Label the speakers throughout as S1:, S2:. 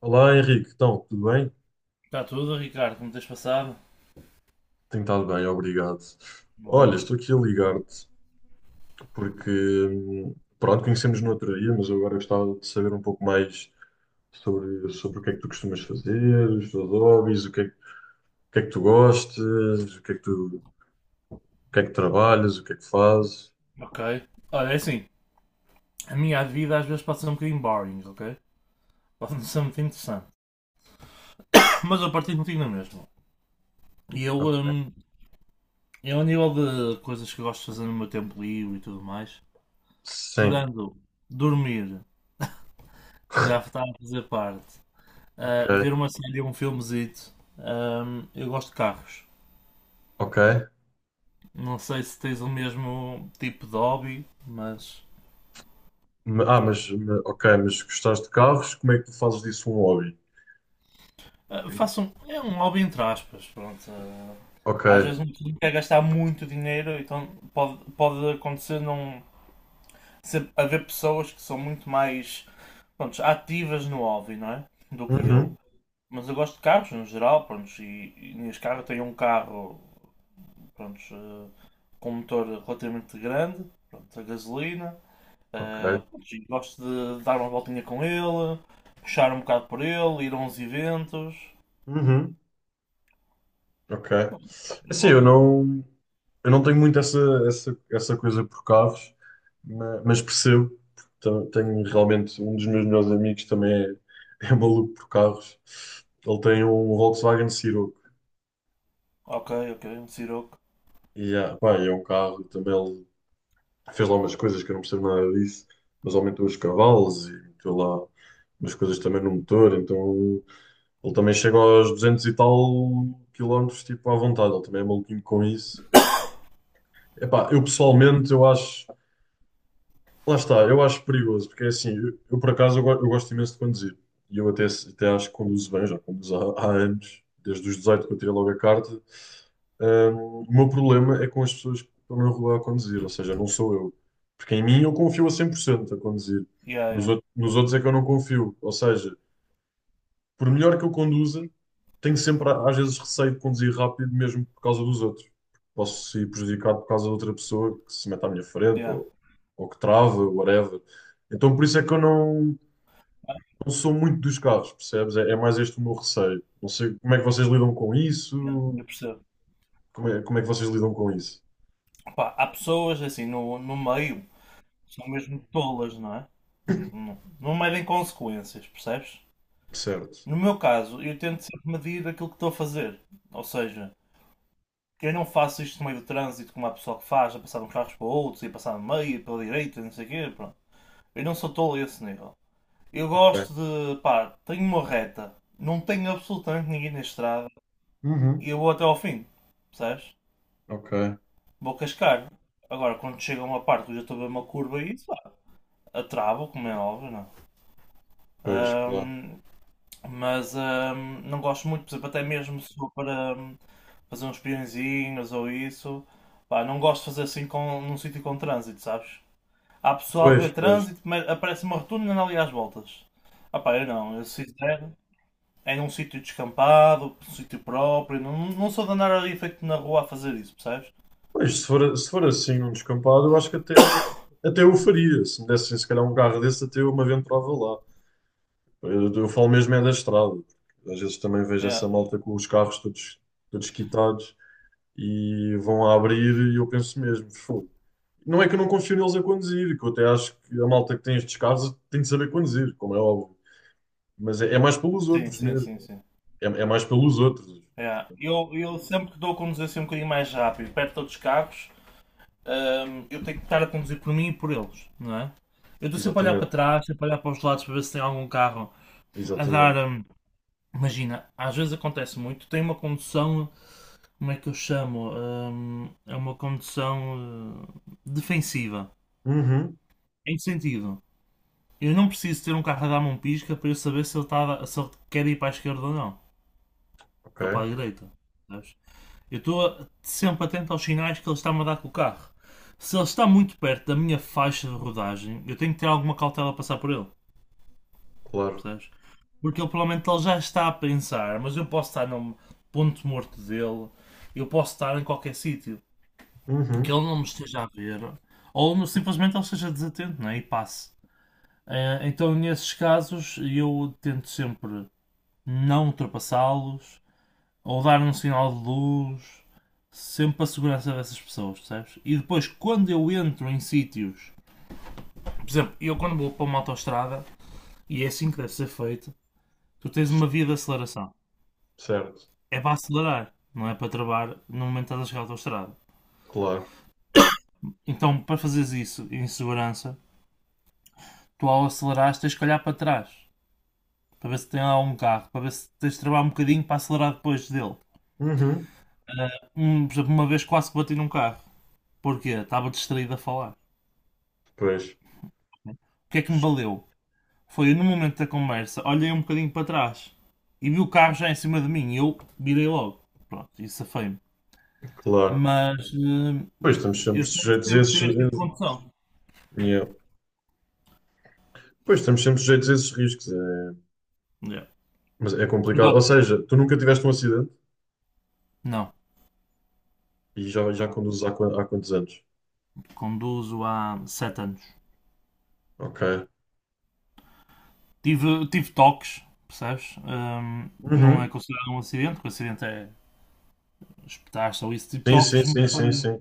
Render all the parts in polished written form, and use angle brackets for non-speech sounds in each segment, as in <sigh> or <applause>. S1: Olá Henrique, então, tudo bem?
S2: Está tudo, Ricardo? Como tens passado?
S1: Tenho estado bem, obrigado. Olha,
S2: Bom.
S1: estou aqui a ligar-te porque, hum, pronto, conhecemos no outro dia, mas eu agora gostava de saber um pouco mais sobre o que é que tu costumas fazer, os teus hobbies, o que é, que o que é que tu gostas, o que é que tu, o que é que trabalhas, o que é que fazes.
S2: Ok. Olha, é assim. A minha vida às vezes pode ser um bocadinho boring, ok? Pode não ser muito interessante. Mas eu partilho contigo na mesma. E eu,
S1: Ok.
S2: hum, eu, a nível de coisas que eu gosto de fazer no meu tempo livre e tudo mais,
S1: Sim,
S2: tirando dormir, que já está a fazer parte,
S1: ok,
S2: ver uma série ou um filmezito. Hum, eu gosto de carros.
S1: ok.
S2: Não sei se tens o mesmo tipo de hobby, mas.
S1: Ok, mas gostaste de carros, como é que tu fazes disso um hobby?
S2: É um hobby entre aspas, pronto.
S1: Ok.
S2: Às vezes um clube quer gastar muito dinheiro, então pode acontecer não ser, haver pessoas que são muito mais, pronto, ativas no hobby, não é? Do que eu.
S1: Uhum.
S2: Mas eu gosto de carros no geral, pronto, e neste carro eu tenho um carro, pronto, com um motor relativamente grande, pronto, a gasolina.
S1: Ok.
S2: Pronto, e gosto de dar uma voltinha com ele, puxar um bocado por ele, ir a uns eventos.
S1: Uhum. Ok. É
S2: Pronto, eu
S1: assim, eu
S2: gosto de.
S1: não, eu não tenho muito essa coisa por carros, mas percebo. Então, tenho realmente um dos meus melhores amigos também é, <laughs> é maluco por carros. Ele tem um Volkswagen Ciroc.
S2: Ok, ok, um Siroco.
S1: E ah, pá, é um carro também. Ele fez lá umas coisas que eu não percebo nada disso, mas aumentou os cavalos e meteu lá umas coisas também no motor. Então ele também chega aos 200 e tal quilómetros, tipo à vontade. Ele também é maluquinho com isso. Epá, eu pessoalmente eu acho. Lá está, eu acho perigoso, porque é assim, eu, por acaso eu gosto imenso de conduzir. E eu até, até acho que conduzo bem, já conduzo há anos, desde os 18 que eu tirei logo a carta. O meu problema é com as pessoas que estão na rua a conduzir, ou seja, não sou eu. Porque em mim eu confio a 100% a conduzir.
S2: Yeah,
S1: Nos,
S2: yeah,
S1: out- nos outros é que eu não confio. Ou seja, por melhor que eu conduza, tenho sempre, às vezes, receio de conduzir rápido, mesmo por causa dos outros. Posso ser prejudicado por causa de outra pessoa que se mete à minha frente,
S2: yeah.
S1: ou que trava, whatever. Então, por isso é que eu não sou muito dos carros, percebes? É, é mais este o meu receio. Não sei como é que vocês lidam com
S2: Yeah,
S1: isso,
S2: eu percebo.
S1: como é que vocês lidam com isso.
S2: Pá, há pessoas assim no meio que são mesmo tolas, não é? Não, não medem consequências, percebes?
S1: Certo,
S2: No meu caso, eu tento sempre medir aquilo que estou a fazer. Ou seja, que eu não faço isto no meio do trânsito como há pessoal que faz, a passar de uns carros para outros e passar no meio, e pela direita, e não sei o quê, pronto. Eu não sou tolo a esse nível. Eu
S1: ok.
S2: gosto de, pá, tenho uma reta, não tenho absolutamente ninguém na estrada
S1: Uhum.
S2: e eu vou até ao fim, percebes?
S1: Ok,
S2: Vou cascar. Agora, quando chega a uma parte que eu já estou a ver uma curva e isso, a trava, como é óbvio, não é?
S1: pois, claro.
S2: Ahm, mas, não gosto muito, por exemplo, até mesmo se for para fazer uns peõezinhos ou isso, pá, não gosto de fazer assim num sítio com trânsito, sabes? Há pessoal que
S1: Pois,
S2: vê
S1: pois.
S2: trânsito, mas aparece uma rotunda e anda ali às voltas. Ah pá, eu não, eu se fizer é num sítio descampado, num sítio próprio, não, não sou de andar ali feito na rua a fazer isso, percebes?
S1: Pois, se for assim num descampado, eu acho que até eu faria. Se me dessem, se calhar, um carro desse, até eu me aventurava lá. Eu falo mesmo é da estrada. Às vezes também vejo
S2: Yeah.
S1: essa malta com os carros todos, todos quitados e vão a abrir e eu penso mesmo, fogo. Não é que eu não confio neles a conduzir, que eu até acho que a malta que tem estes carros tem de saber conduzir, como é óbvio. Mas é, é mais pelos
S2: Sim,
S1: outros
S2: sim,
S1: mesmo.
S2: sim, sim.
S1: É, é mais pelos outros.
S2: Yeah. Eu sempre que dou a conduzir assim um bocadinho mais rápido, perto de outros carros, eu tenho que estar a conduzir por mim e por eles, não é? Eu estou sempre a olhar para
S1: Exatamente,
S2: trás, sempre a olhar para os lados para ver se tem algum carro a dar.
S1: exatamente.
S2: Imagina, às vezes acontece muito, tem uma condução. Como é que eu chamo? É uma condução, defensiva.
S1: Uhum,
S2: Em que sentido? Eu não preciso ter um carro a dar-me um pisca para eu saber se ele, se ele quer ir para a esquerda ou não.
S1: ok,
S2: Ou para a direita, sabes? Eu estou sempre atento aos sinais que ele está-me a dar com o carro. Se ele está muito perto da minha faixa de rodagem, eu tenho que ter alguma cautela a passar por ele,
S1: claro.
S2: percebes? Porque ele provavelmente ele já está a pensar, mas eu posso estar no ponto morto dele, eu posso estar em qualquer sítio, que
S1: Uhum,
S2: ele não me esteja a ver, ou simplesmente ele esteja desatento, né? E passe. Então, nesses casos, eu tento sempre não ultrapassá-los, ou dar um sinal de luz, sempre para a segurança dessas pessoas, percebes? E depois, quando eu entro em sítios, por exemplo, eu quando vou para uma autoestrada, e é assim que deve ser feito, tu tens uma via de aceleração.
S1: certo.
S2: É para acelerar, não é para travar no momento que estás a chegar à autoestrada.
S1: Claro.
S2: Então, para fazeres isso em segurança, tu ao acelerares tens que olhar para trás, para ver se tem lá um carro, para ver se tens de travar um bocadinho para acelerar depois dele.
S1: Uhum.
S2: Por exemplo, uma vez quase bati num carro. Porquê? Estava distraído a falar. O
S1: Pois,
S2: que é que me valeu? Foi no momento da conversa, olhei um bocadinho para trás e vi o carro já em cima de mim e eu virei logo. Pronto, isso safei-me.
S1: claro.
S2: Mas
S1: Pois estamos sempre
S2: eu tento
S1: sujeitos a
S2: sempre
S1: esses.
S2: ter este tipo de condução.
S1: Yeah. Pois estamos sempre sujeitos a esses riscos. É...
S2: Yeah.
S1: Mas é complicado. Ou
S2: Agora,
S1: seja, tu nunca tiveste um acidente
S2: não,
S1: e já, já
S2: não.
S1: conduzes há, há quantos anos?
S2: Conduzo há 7 anos.
S1: Ok.
S2: Tive, tive toques, percebes? Não
S1: Uhum.
S2: é considerado um acidente, porque o acidente é espetar-se ou isso, tipo
S1: Sim, sim,
S2: toques,
S1: sim, sim, sim.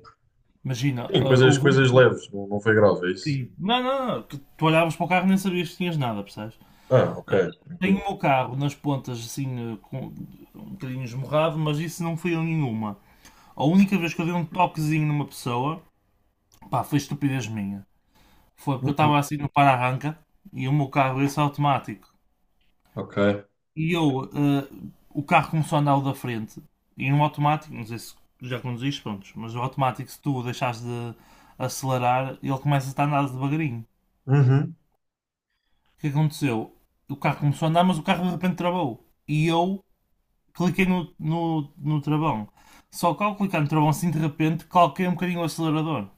S2: Imagina,
S1: Sim,
S2: ah,
S1: coisas,
S2: houve
S1: coisas
S2: um.
S1: leves, não, não foi grave, é isso?
S2: Sim. Não, não, não, tu olhavas para o carro e nem sabias que tinhas nada, percebes?
S1: Ah, ok,
S2: Tenho
S1: tranquilo.
S2: o meu carro nas pontas assim, com um bocadinho esmorrado, mas isso não foi a nenhuma. A única vez que eu dei um toquezinho numa pessoa, pá, foi estupidez minha. Foi porque eu
S1: Uhum.
S2: estava assim no para-arranca e o meu carro esse é automático.
S1: Ok.
S2: E eu, o carro começou a andar o da frente. E no automático, não sei se já conduziste, pronto, mas o automático, se tu o deixares de acelerar, ele começa a andar devagarinho.
S1: Uhum.
S2: O que aconteceu? O carro começou a andar, mas o carro de repente travou. E eu cliquei no travão. Só que ao clicar no travão assim de repente, calquei um bocadinho o acelerador.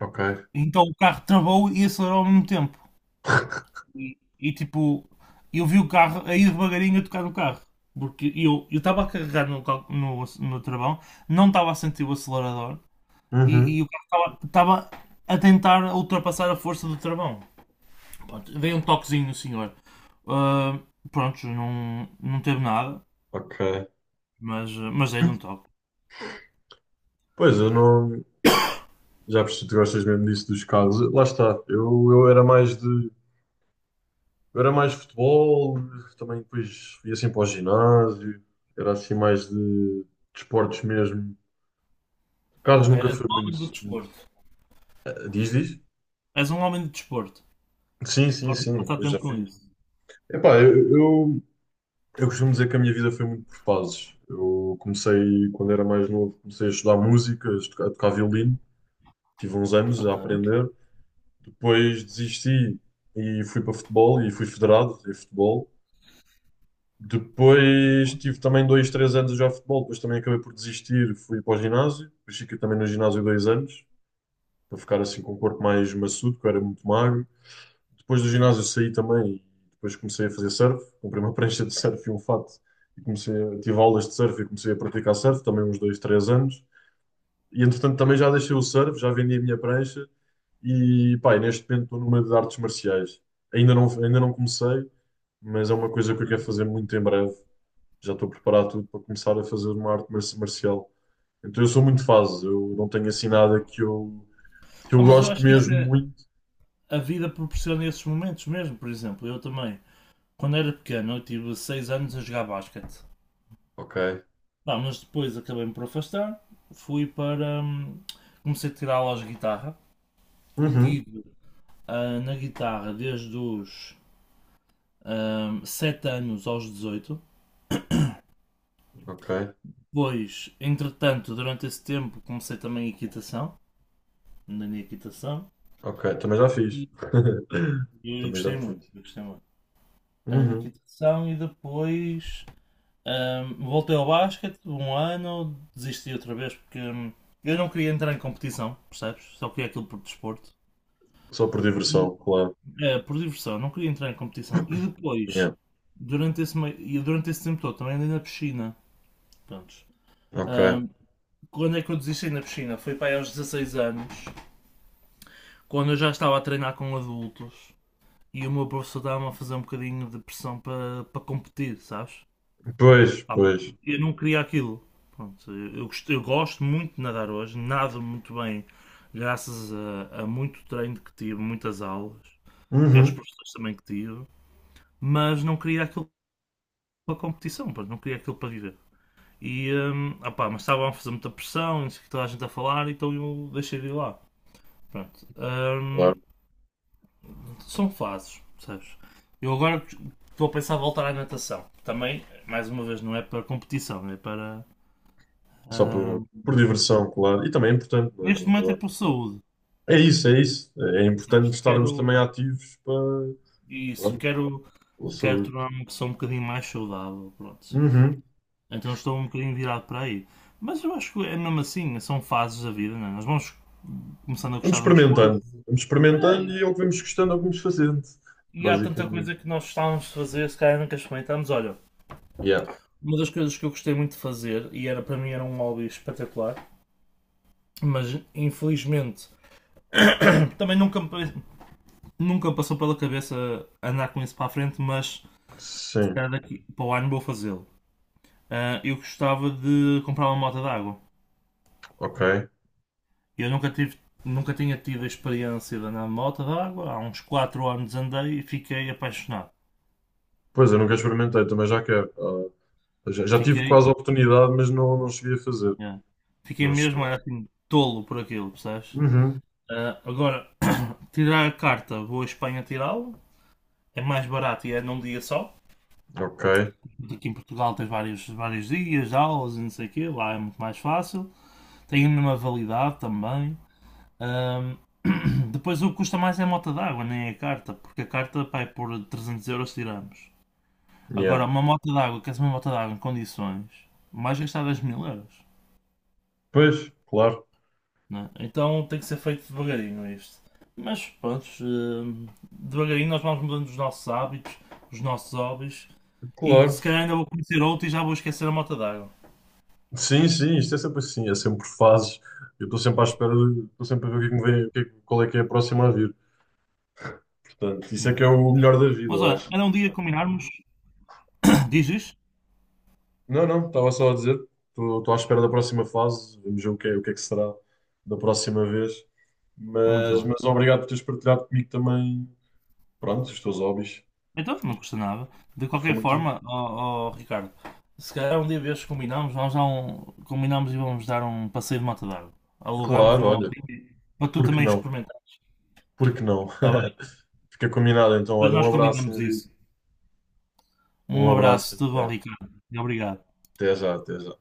S1: Ok.
S2: Então o carro travou e acelerou ao mesmo tempo. E, tipo, eu vi o carro aí devagarinho a tocar no carro. Porque eu estava a carregar no travão, não estava a sentir o acelerador
S1: Uhum.
S2: e o carro estava a tentar ultrapassar a força do travão. Pronto, veio um toquezinho no senhor. Ah, pronto, não, não teve nada,
S1: Ok.
S2: mas dei-lhe um toque.
S1: Pois eu não. Já percebi que tu gostas mesmo disso dos carros. Lá está. Eu era mais de. Eu era mais futebol, também depois ia assim para o ginásio, era assim mais de, esportes mesmo. Carlos
S2: Ok,
S1: nunca
S2: é o
S1: foi muito,
S2: homem do
S1: muito-
S2: desporto.
S1: Ah, Diz, diz?
S2: És um homem de desporto.
S1: Sim, sim,
S2: Gosto de
S1: sim,
S2: passar
S1: eu já
S2: tempo com
S1: fui.
S2: isso.
S1: Epá, eu costumo dizer que a minha vida foi muito por fases. Eu comecei, quando era mais novo, comecei a estudar música, a tocar violino, tive uns anos a
S2: Ok.
S1: aprender. Depois desisti e fui para futebol e fui federado em futebol. Depois
S2: Boa.
S1: tive também dois, três anos a jogar futebol, depois também acabei por desistir, fui para o ginásio, depois fiquei também no ginásio 2 anos, para ficar assim com o corpo mais maçudo, que eu era muito magro. Depois do
S2: Ok.
S1: ginásio saí também e depois comecei a fazer surf, comprei uma <laughs> prancha de surf e um fato, e comecei a, tive aulas de surf e comecei a praticar surf, também uns dois, três anos. E entretanto também já deixei o surf, já vendi a minha prancha e pá, e neste momento estou numa de artes marciais. Ainda não comecei, mas é uma coisa que
S2: Ok.
S1: eu quero fazer muito em breve já estou preparado tudo para começar a fazer uma arte marcial. Então eu sou muito fase, eu não tenho assim
S2: Yeah.
S1: nada que eu, que
S2: Ah,
S1: eu
S2: mas eu
S1: gosto
S2: acho que isso
S1: mesmo
S2: é.
S1: muito.
S2: A vida proporciona esses momentos mesmo, por exemplo, eu também. Quando era pequeno, eu tive 6 anos a jogar basquete.
S1: Ok,
S2: Pá, mas depois acabei-me por afastar. Fui para. Comecei a tirar aulas de guitarra. E
S1: Uhum,
S2: tive na guitarra desde os 7 anos aos 18.
S1: ok,
S2: Depois, entretanto, durante esse tempo, comecei também a equitação. Andei na equitação.
S1: ok. Também já fiz.
S2: E
S1: <laughs>
S2: E eu
S1: Também já
S2: gostei muito,
S1: fiz.
S2: eu gostei muito. A
S1: Uhum.
S2: equitação e depois voltei ao basquete um ano, desisti outra vez porque eu não queria entrar em competição, percebes? Só queria aquilo por desporto.
S1: Só por
S2: E,
S1: diversão, claro.
S2: por diversão, não queria entrar em competição. E
S1: Yeah.
S2: depois, e durante esse tempo todo, também andei na piscina. Prontos.
S1: Ok.
S2: Ahm, Quando é que eu desisti na piscina? Foi para aí aos 16 anos, quando eu já estava a treinar com adultos e o meu professor estava-me a fazer um bocadinho de pressão para competir, sabes?
S1: Pois,
S2: Pá, mas
S1: pois.
S2: eu não queria aquilo. Pronto, eu gosto muito de nadar hoje, nado muito bem, graças a muito treino que tive, muitas aulas e aos
S1: Uhum.
S2: professores também que tive, mas não queria aquilo para competição, pá, não queria aquilo para viver. E, opá, mas estavam a fazer muita pressão, e não sei o que toda a gente a falar, então eu deixei de ir lá. Pronto,
S1: Claro.
S2: são fases, percebes? Eu agora estou a pensar em voltar à natação. Também, mais uma vez, não é para competição, é para.
S1: Só
S2: Hum,
S1: por diversão, claro. E também é importante, não é?
S2: Neste
S1: Na
S2: momento é
S1: verdade.
S2: por saúde,
S1: É isso, é isso. É importante
S2: sabes?
S1: estarmos
S2: Quero
S1: também ativos para,
S2: isso,
S1: pronto,
S2: quero,
S1: pela
S2: quero
S1: saúde.
S2: tornar-me uma pessoa um bocadinho mais saudável, pronto.
S1: Uhum.
S2: Então estou um bocadinho virado para aí. Mas eu acho que é mesmo assim, são fases da vida, não é? Nós vamos começando a
S1: Vamos
S2: gostar de umas coisas.
S1: experimentando. Vamos experimentando
S2: É,
S1: e é o que vamos gostando, é o que vamos fazendo.
S2: e há tanta
S1: Basicamente.
S2: coisa que nós gostávamos de fazer, se calhar nunca experimentámos. Olha,
S1: Yeah.
S2: uma das coisas que eu gostei muito de fazer, e era para mim era um hobby espetacular, mas infelizmente <coughs> <clears throat> também nunca me passou pela cabeça andar com isso para a frente, mas se
S1: Sim,
S2: calhar daqui para o ano vou fazê-lo. Eu gostava de comprar uma moto d'água.
S1: ok.
S2: Eu nunca tive, nunca tinha tido a experiência de andar de moto d'água. Há uns 4 anos andei e fiquei apaixonado.
S1: Pois, eu nunca experimentei, também já quero. Ah, já tive
S2: Fiquei,
S1: quase a oportunidade, mas não cheguei a fazer.
S2: yeah. Fiquei
S1: Não cheguei.
S2: mesmo, era assim, tolo por aquilo, percebes?
S1: Uhum.
S2: Ah, agora, tirar a carta, vou à Espanha tirá-la. É mais barato e é num dia só.
S1: Ok.
S2: Aqui em Portugal tens vários, vários dias, aulas e não sei o quê. Lá é muito mais fácil. Tem a mesma validade também. Ahm, <clears throat> <coughs> Depois o que custa mais é a moto d'água, nem é a carta, porque a carta pá, é por 300 euros tiramos. Agora,
S1: Yeah.
S2: uma moto d'água, que queres uma moto d'água em condições, mais gastar 10 mil euros,
S1: Pois, claro.
S2: né? Então tem que ser feito devagarinho isto. Mas pronto, devagarinho nós vamos mudando os nossos hábitos, os nossos hobbies, e se
S1: Claro.
S2: calhar ainda vou conhecer outro e já vou esquecer a moto d'água.
S1: Sim, sim, isto é sempre assim, é sempre fases. Eu estou sempre à espera, estou sempre a ver o que é que me vem, o que é que- qual é que é a próxima a vir. Portanto, isso é
S2: Yeah.
S1: que é o melhor da vida,
S2: Mas
S1: eu
S2: olha,
S1: acho.
S2: era um dia combinarmos. <coughs> Dizes?
S1: Não, não, estava só a dizer, estou à espera da próxima fase, vamos ver o que é que será da próxima vez.
S2: Muito
S1: Mas,
S2: bom.
S1: mas obrigado por teres partilhado comigo também, pronto, os teus hobbies.
S2: Então, não custa nada. De
S1: Foi
S2: qualquer
S1: muito.
S2: forma, ó, ó, Ricardo, se calhar um dia destes combinamos, vamos dar um, combinamos e vamos dar um passeio de moto d'água. Alugamos
S1: Claro,
S2: uma
S1: olha,
S2: motinha para tu
S1: por que
S2: também
S1: não?
S2: experimentar,
S1: Por que não?
S2: está bem?
S1: <laughs> Fica combinado então,
S2: Depois
S1: olha, um
S2: nós
S1: abraço,
S2: combinamos
S1: Henrique.
S2: isso.
S1: Um
S2: Um
S1: abraço.
S2: abraço, tudo bom, Ricardo? E obrigado.
S1: Até já, até já.